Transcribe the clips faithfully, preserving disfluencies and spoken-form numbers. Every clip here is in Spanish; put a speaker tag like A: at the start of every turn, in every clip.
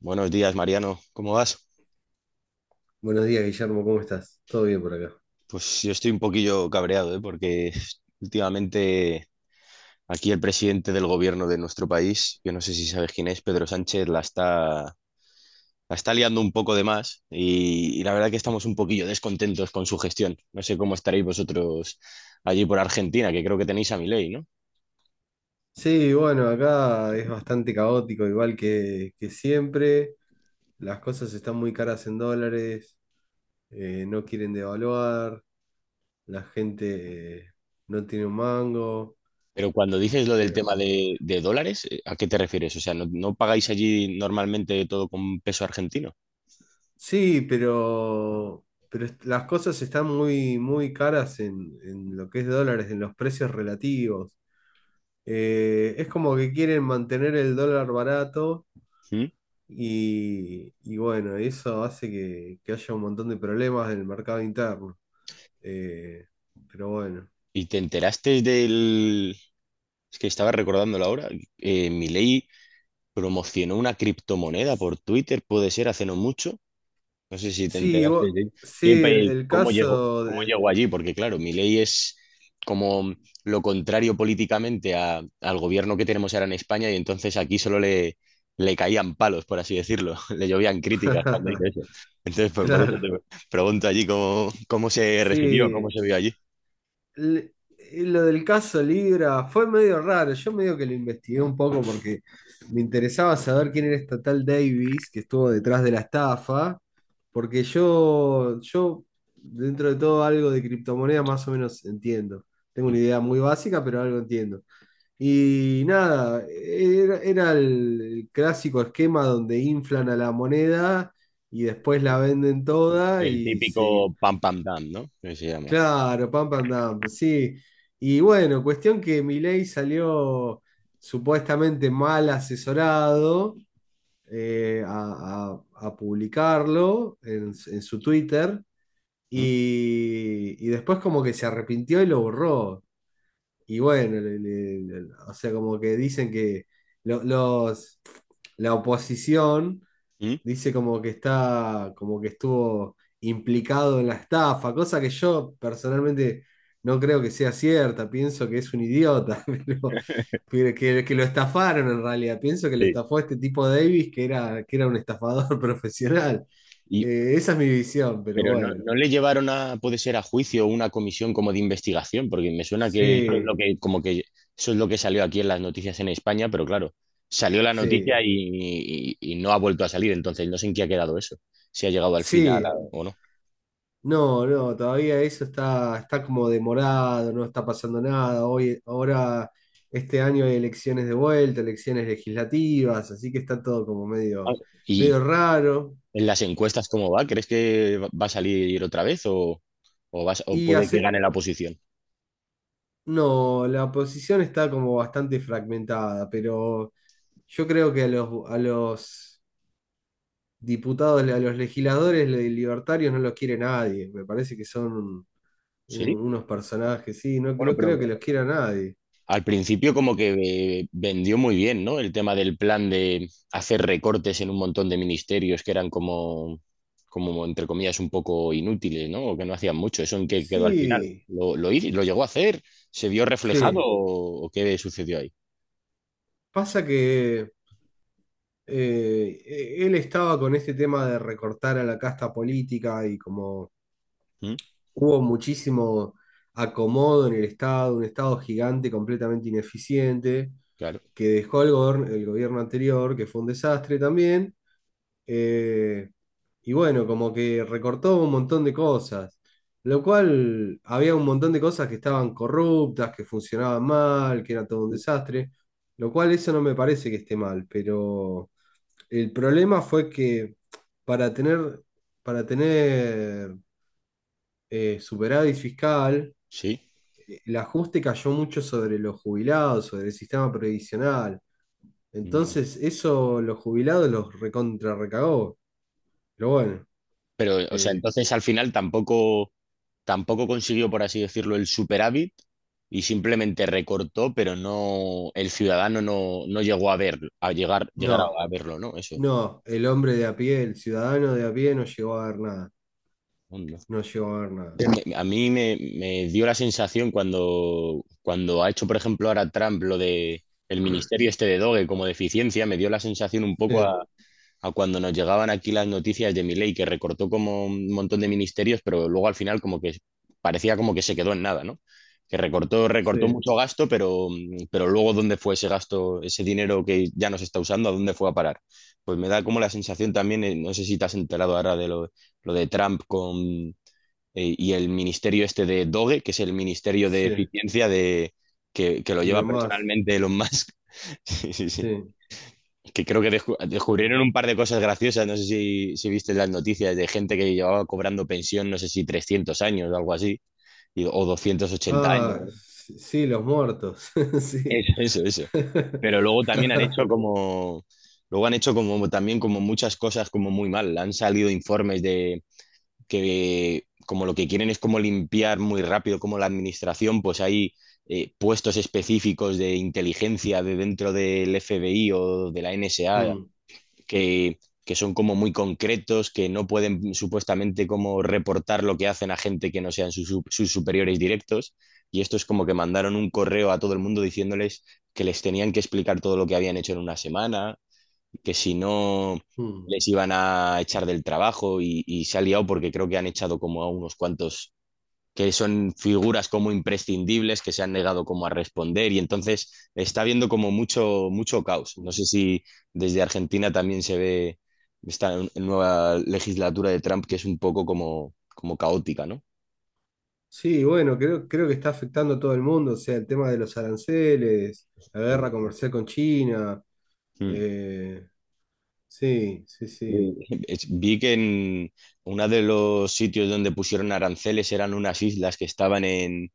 A: Buenos días, Mariano. ¿Cómo vas?
B: Buenos días, Guillermo, ¿cómo estás? ¿Todo bien por acá?
A: Pues yo estoy un poquillo cabreado, ¿eh? Porque últimamente aquí el presidente del gobierno de nuestro país, yo no sé si sabes quién es, Pedro Sánchez, la está, la está liando un poco de más y, y la verdad que estamos un poquillo descontentos con su gestión. No sé cómo estaréis vosotros allí por Argentina, que creo que tenéis a Milei, ¿no?
B: Sí, bueno, acá es bastante caótico, igual que, que siempre. Las cosas están muy caras en dólares, eh, no quieren devaluar, la gente eh, no tiene un mango,
A: Pero cuando dices lo del tema
B: pero.
A: de, de dólares, eh, ¿a qué te refieres? O sea, ¿no, no pagáis allí normalmente todo con peso argentino?
B: Sí, pero, pero est- las cosas están muy, muy caras en, en lo que es dólares, en los precios relativos. Eh, es como que quieren mantener el dólar barato.
A: ¿Mm?
B: Y, y bueno, eso hace que, que haya un montón de problemas en el mercado interno. Eh, pero bueno.
A: ¿Y te enteraste del? Es que estaba recordándolo ahora. Eh, Milei promocionó una criptomoneda por Twitter, puede ser, hace no mucho. No sé si te
B: Sí,
A: enteraste
B: vo-
A: de qué
B: sí, el,
A: país,
B: el
A: cómo llegó,
B: caso
A: cómo
B: de.
A: llegó allí, porque claro, Milei es como lo contrario políticamente a- al gobierno que tenemos ahora en España y entonces aquí solo le, le caían palos, por así decirlo. Le llovían críticas cuando hizo eso. Entonces, pues por eso te
B: Claro,
A: pregunto allí cómo, cómo se recibió, cómo
B: sí.
A: se vio allí.
B: le- eh, lo del caso Libra fue medio raro. Yo medio que lo investigué un poco porque me interesaba saber quién era esta tal Davis que estuvo detrás de la estafa. Porque yo, yo dentro de todo, algo de criptomonedas más o menos entiendo. Tengo una idea muy básica, pero algo entiendo. Y nada, era, era el, el clásico esquema donde inflan a la moneda y después la venden toda
A: El
B: y
A: típico
B: se.
A: pam pam dam, ¿no? Que se llama.
B: Claro, pam, pam, dam, sí. Y bueno, cuestión que Milei salió supuestamente mal asesorado, eh, a, a- a publicarlo en, en su Twitter
A: ¿Mm?
B: y, y después como que se arrepintió y lo borró. Y bueno, le- le- le- o sea, como que dicen que lo- los, la oposición
A: ¿Mm?
B: dice como que está, como que estuvo implicado en la estafa, cosa que yo personalmente no creo que sea cierta, pienso que es un idiota, pero, pero que, que lo estafaron en realidad, pienso que lo
A: Sí.
B: estafó este tipo Davis, que era, que era un estafador profesional.
A: Y,
B: Eh, esa es mi visión, pero
A: pero no,
B: bueno,
A: no le llevaron a, puede ser, a juicio o una comisión como de investigación, porque me suena que eso es lo
B: sí,
A: que, como que eso es lo que salió aquí en las noticias en España, pero claro, salió la noticia
B: sí,
A: y, y- y no ha vuelto a salir, entonces no sé en qué ha quedado eso, si ha llegado al final a-
B: sí.
A: o no.
B: No, no, todavía eso está, está como demorado, no está pasando nada. Hoy, ahora, este año hay elecciones de vuelta, elecciones legislativas, así que está todo como
A: Ah,
B: medio,
A: y
B: medio raro.
A: en las encuestas, ¿cómo va? ¿Crees que va va a salir otra vez o, o, vas- o
B: Y
A: puede que
B: hace,
A: gane la oposición?
B: no, la oposición está como bastante fragmentada, pero yo creo que a los, a los diputados, a los legisladores libertarios no los quiere nadie. Me parece que son un-
A: ¿Sí?
B: unos personajes, sí, no,
A: Bueno,
B: no creo
A: pero
B: que los quiera nadie.
A: al principio como que eh, vendió muy bien, ¿no? El tema del plan de hacer recortes en un montón de ministerios que eran como, como entre comillas, un poco inútiles, ¿no? O que no hacían mucho. ¿Eso en qué quedó al final?
B: Sí,
A: ¿Lo, lo, hizo- lo llegó a hacer? ¿Se vio reflejado
B: sí.
A: o, o qué sucedió ahí?
B: Pasa que eh, e- él estaba con este tema de recortar a la casta política y como
A: ¿Mm?
B: hubo muchísimo acomodo en el Estado, un Estado gigante completamente ineficiente,
A: Claro,
B: que dejó el gobierno, el gobierno anterior, que fue un desastre también, eh, y bueno, como que recortó un montón de cosas, lo cual había un montón de cosas que estaban corruptas, que funcionaban mal, que era todo un desastre, lo cual eso no me parece que esté mal, pero el problema fue que para tener, para tener eh, superávit fiscal,
A: sí.
B: eh, el ajuste cayó mucho sobre los jubilados, sobre el sistema previsional.
A: Mm.
B: Entonces, eso los jubilados los recontra recagó. Pero bueno.
A: Pero, o sea,
B: eh,
A: entonces al final tampoco... tampoco consiguió, por así decirlo, el superávit y simplemente recortó, pero no, el ciudadano no, no llegó a verlo, a llegar, llegar a,
B: No,
A: a verlo, ¿no? Eso.
B: no, el hombre de a pie, el ciudadano de a pie no llegó a ver nada,
A: Onda.
B: no llegó a ver nada.
A: Me- A mí me, me dio la sensación cuando, cuando ha hecho, por ejemplo, ahora Trump lo de el ministerio este de Doge como deficiencia, me dio la sensación un poco
B: Sí,
A: a, a cuando nos llegaban aquí las noticias de Milei, que recortó como un montón de ministerios, pero luego al final como que parecía como que se quedó en nada, ¿no? Que recortó,
B: sí,
A: recortó mucho gasto, pero, pero luego dónde fue ese gasto, ese dinero que ya no se está usando, a dónde fue a parar. Pues me da como la sensación también, eh, no sé si te has enterado ahora de lo, lo de Trump con, eh, y el ministerio este de Doge, que es el ministerio de
B: sí,
A: eficiencia de, que, que lo lleva
B: Elon Musk,
A: personalmente Elon Musk. Sí, sí, sí
B: sí,
A: que creo que descu-
B: sí.
A: descubrieron un par de cosas graciosas. No sé si, si viste las noticias de gente que llevaba cobrando pensión, no sé si trescientos años o algo así, y- o doscientos ochenta años.
B: Ah, sí, sí, los muertos, sí.
A: Eso, eso, eso. Pero luego también han hecho como, luego han hecho como también como muchas cosas como muy mal. Han salido informes de que como lo que quieren es como limpiar muy rápido como la administración, pues hay eh, puestos específicos de inteligencia de dentro del F B I o de la N S A
B: Mm,
A: que, que son como muy concretos, que no pueden supuestamente como reportar lo que hacen a gente que no sean sus, su- sus superiores directos. Y esto es como que mandaron un correo a todo el mundo diciéndoles que les tenían que explicar todo lo que habían hecho en una semana, que si no
B: mm,
A: les iban a echar del trabajo y, y se ha liado porque creo que han echado como a unos cuantos que son figuras como imprescindibles que se han negado como a responder y entonces está habiendo como mucho, mucho caos. No
B: mm.
A: sé si desde Argentina también se ve esta nueva legislatura de Trump que es un poco como, como caótica, ¿no?
B: Sí, bueno, creo, creo que está afectando a todo el mundo, o sea, el tema de los aranceles, la guerra comercial con China,
A: Mm.
B: eh, sí, sí,
A: Eh,
B: sí,
A: es- Vi que en uno de los sitios donde pusieron aranceles eran unas islas que estaban en,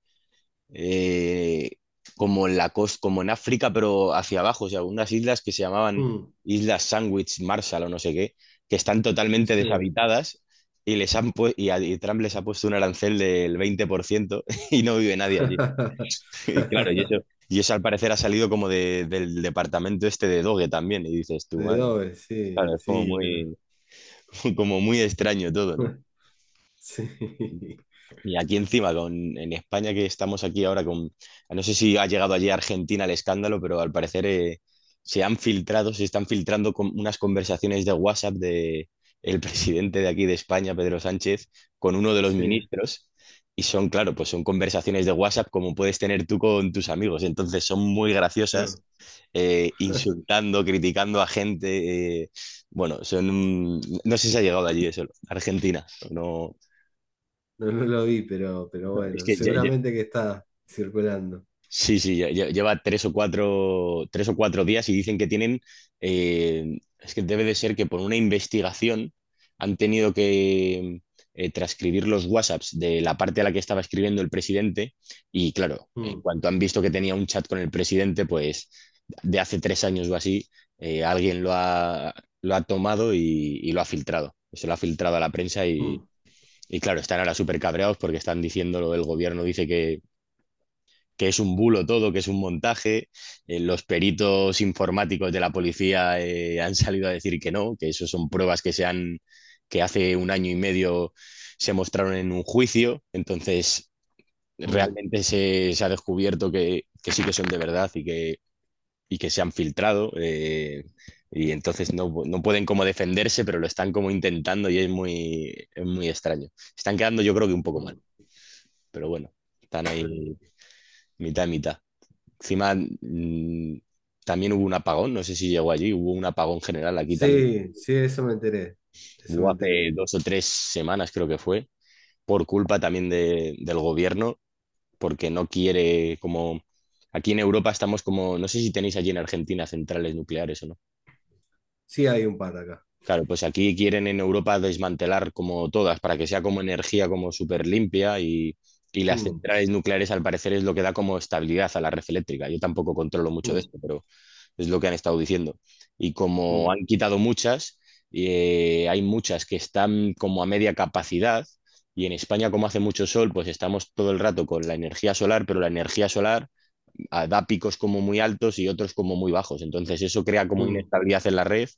A: eh, como en la costa, como en África, pero hacia abajo, o sea, unas islas que se llamaban
B: mm,
A: Islas Sandwich, Marshall o no sé qué, que están totalmente
B: sí.
A: deshabitadas y les han pu- y, a- y Trump les ha puesto un arancel del veinte por ciento y no vive nadie allí. Y claro, y eso, y eso al parecer ha salido como de- del departamento este de Doge también, y dices tú,
B: De
A: madre mía.
B: Dove, sí,
A: Claro, es como
B: sí, pero
A: muy, como muy extraño todo, ¿no?
B: sí,
A: Y aquí encima, con, en España que estamos aquí ahora con, no sé si ha llegado allí a Argentina el escándalo, pero al parecer eh, se han filtrado, se están filtrando con unas conversaciones de WhatsApp de el presidente de aquí de España, Pedro Sánchez, con uno de los
B: sí,
A: ministros. Y son, claro, pues son conversaciones de WhatsApp como puedes tener tú con tus amigos. Entonces son muy graciosas,
B: claro.
A: eh, insultando, criticando a gente. eh, bueno, son... un- No sé si ha llegado allí eso, Argentina. No,
B: No, no lo vi, pero, pero
A: no, es
B: bueno,
A: que ya- ya-
B: seguramente que está circulando.
A: sí, sí, ya- ya- lleva tres o cuatro, tres o cuatro días y dicen que tienen, eh, es que debe de ser que por una investigación han tenido que eh, transcribir los WhatsApps de la parte a la que estaba escribiendo el presidente y claro, en
B: Mm,
A: cuanto han visto que tenía un chat con el presidente, pues de hace tres años o así, eh, alguien lo ha, lo ha tomado y, y lo ha filtrado, se lo ha filtrado a la prensa y,
B: mm,
A: y claro, están ahora súper cabreados porque están diciéndolo, el gobierno dice que es un bulo todo, que es un montaje. Eh, los peritos informáticos de la policía eh, han salido a decir que no, que eso son pruebas que se han, que hace un año y medio se mostraron en un juicio. Entonces,
B: mm,
A: realmente se, se ha descubierto que, que sí que son de verdad y que, y que se han filtrado. eh, y entonces no, no pueden como defenderse, pero lo están como intentando y es muy, es muy extraño. Están quedando yo creo que un poco mal,
B: mm.
A: pero bueno, están
B: Claro.
A: ahí mitad y mitad. Encima, mm, también hubo un apagón, no sé si llegó allí, hubo un apagón general aquí también.
B: Sí, sí, eso me enteré, eso me
A: Hubo hace
B: enteré.
A: dos o tres semanas, creo que fue, por culpa también de- del gobierno, porque no quiere, como aquí en Europa estamos como, no sé si tenéis allí en Argentina centrales nucleares o no.
B: Sí, hay un par acá.
A: Claro, pues aquí quieren en Europa desmantelar como todas, para que sea como energía como súper limpia y, y las
B: Mm,
A: centrales nucleares al parecer es lo que da como estabilidad a la red eléctrica. Yo tampoco controlo mucho de
B: mm,
A: esto, pero es lo que han estado diciendo. Y como
B: mm,
A: han quitado muchas, eh, hay muchas que están como a media capacidad y en España como hace mucho sol, pues estamos todo el rato con la energía solar, pero la energía solar ah, da picos como muy altos y otros como muy bajos. Entonces eso crea como
B: mm,
A: inestabilidad en la red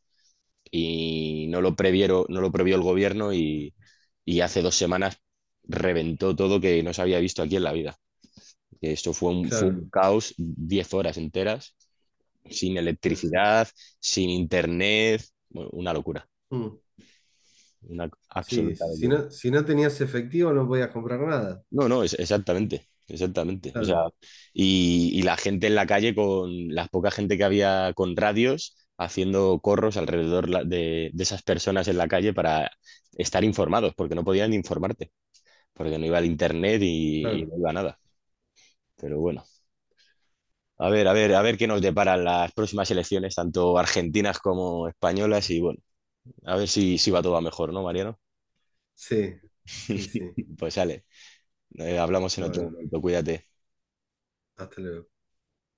A: y no lo previeron, no lo previó el gobierno y, y hace dos semanas reventó todo que no se había visto aquí en la vida. Esto fue un, fue
B: claro.
A: un caos, diez horas enteras sin
B: Mm,
A: electricidad, sin internet, bueno, una locura,
B: mm.
A: una
B: Sí,
A: absoluta
B: si
A: locura.
B: no, si no tenías efectivo no podías comprar nada.
A: No, no, es- exactamente, exactamente. O sea,
B: Claro,
A: y, y la gente en la calle con la poca gente que había con radios haciendo corros alrededor la- de, de esas personas en la calle para estar informados, porque no podían informarte, porque no iba el internet y, y
B: claro.
A: no iba nada. Pero bueno, a ver, a ver, a ver qué nos deparan las próximas elecciones, tanto argentinas como españolas, y bueno, a ver si, si va todo a mejor, ¿no, Mariano?
B: Sí, sí, sí.
A: Pues sale, eh, hablamos en otro
B: Bueno,
A: momento, cuídate.
B: hasta luego.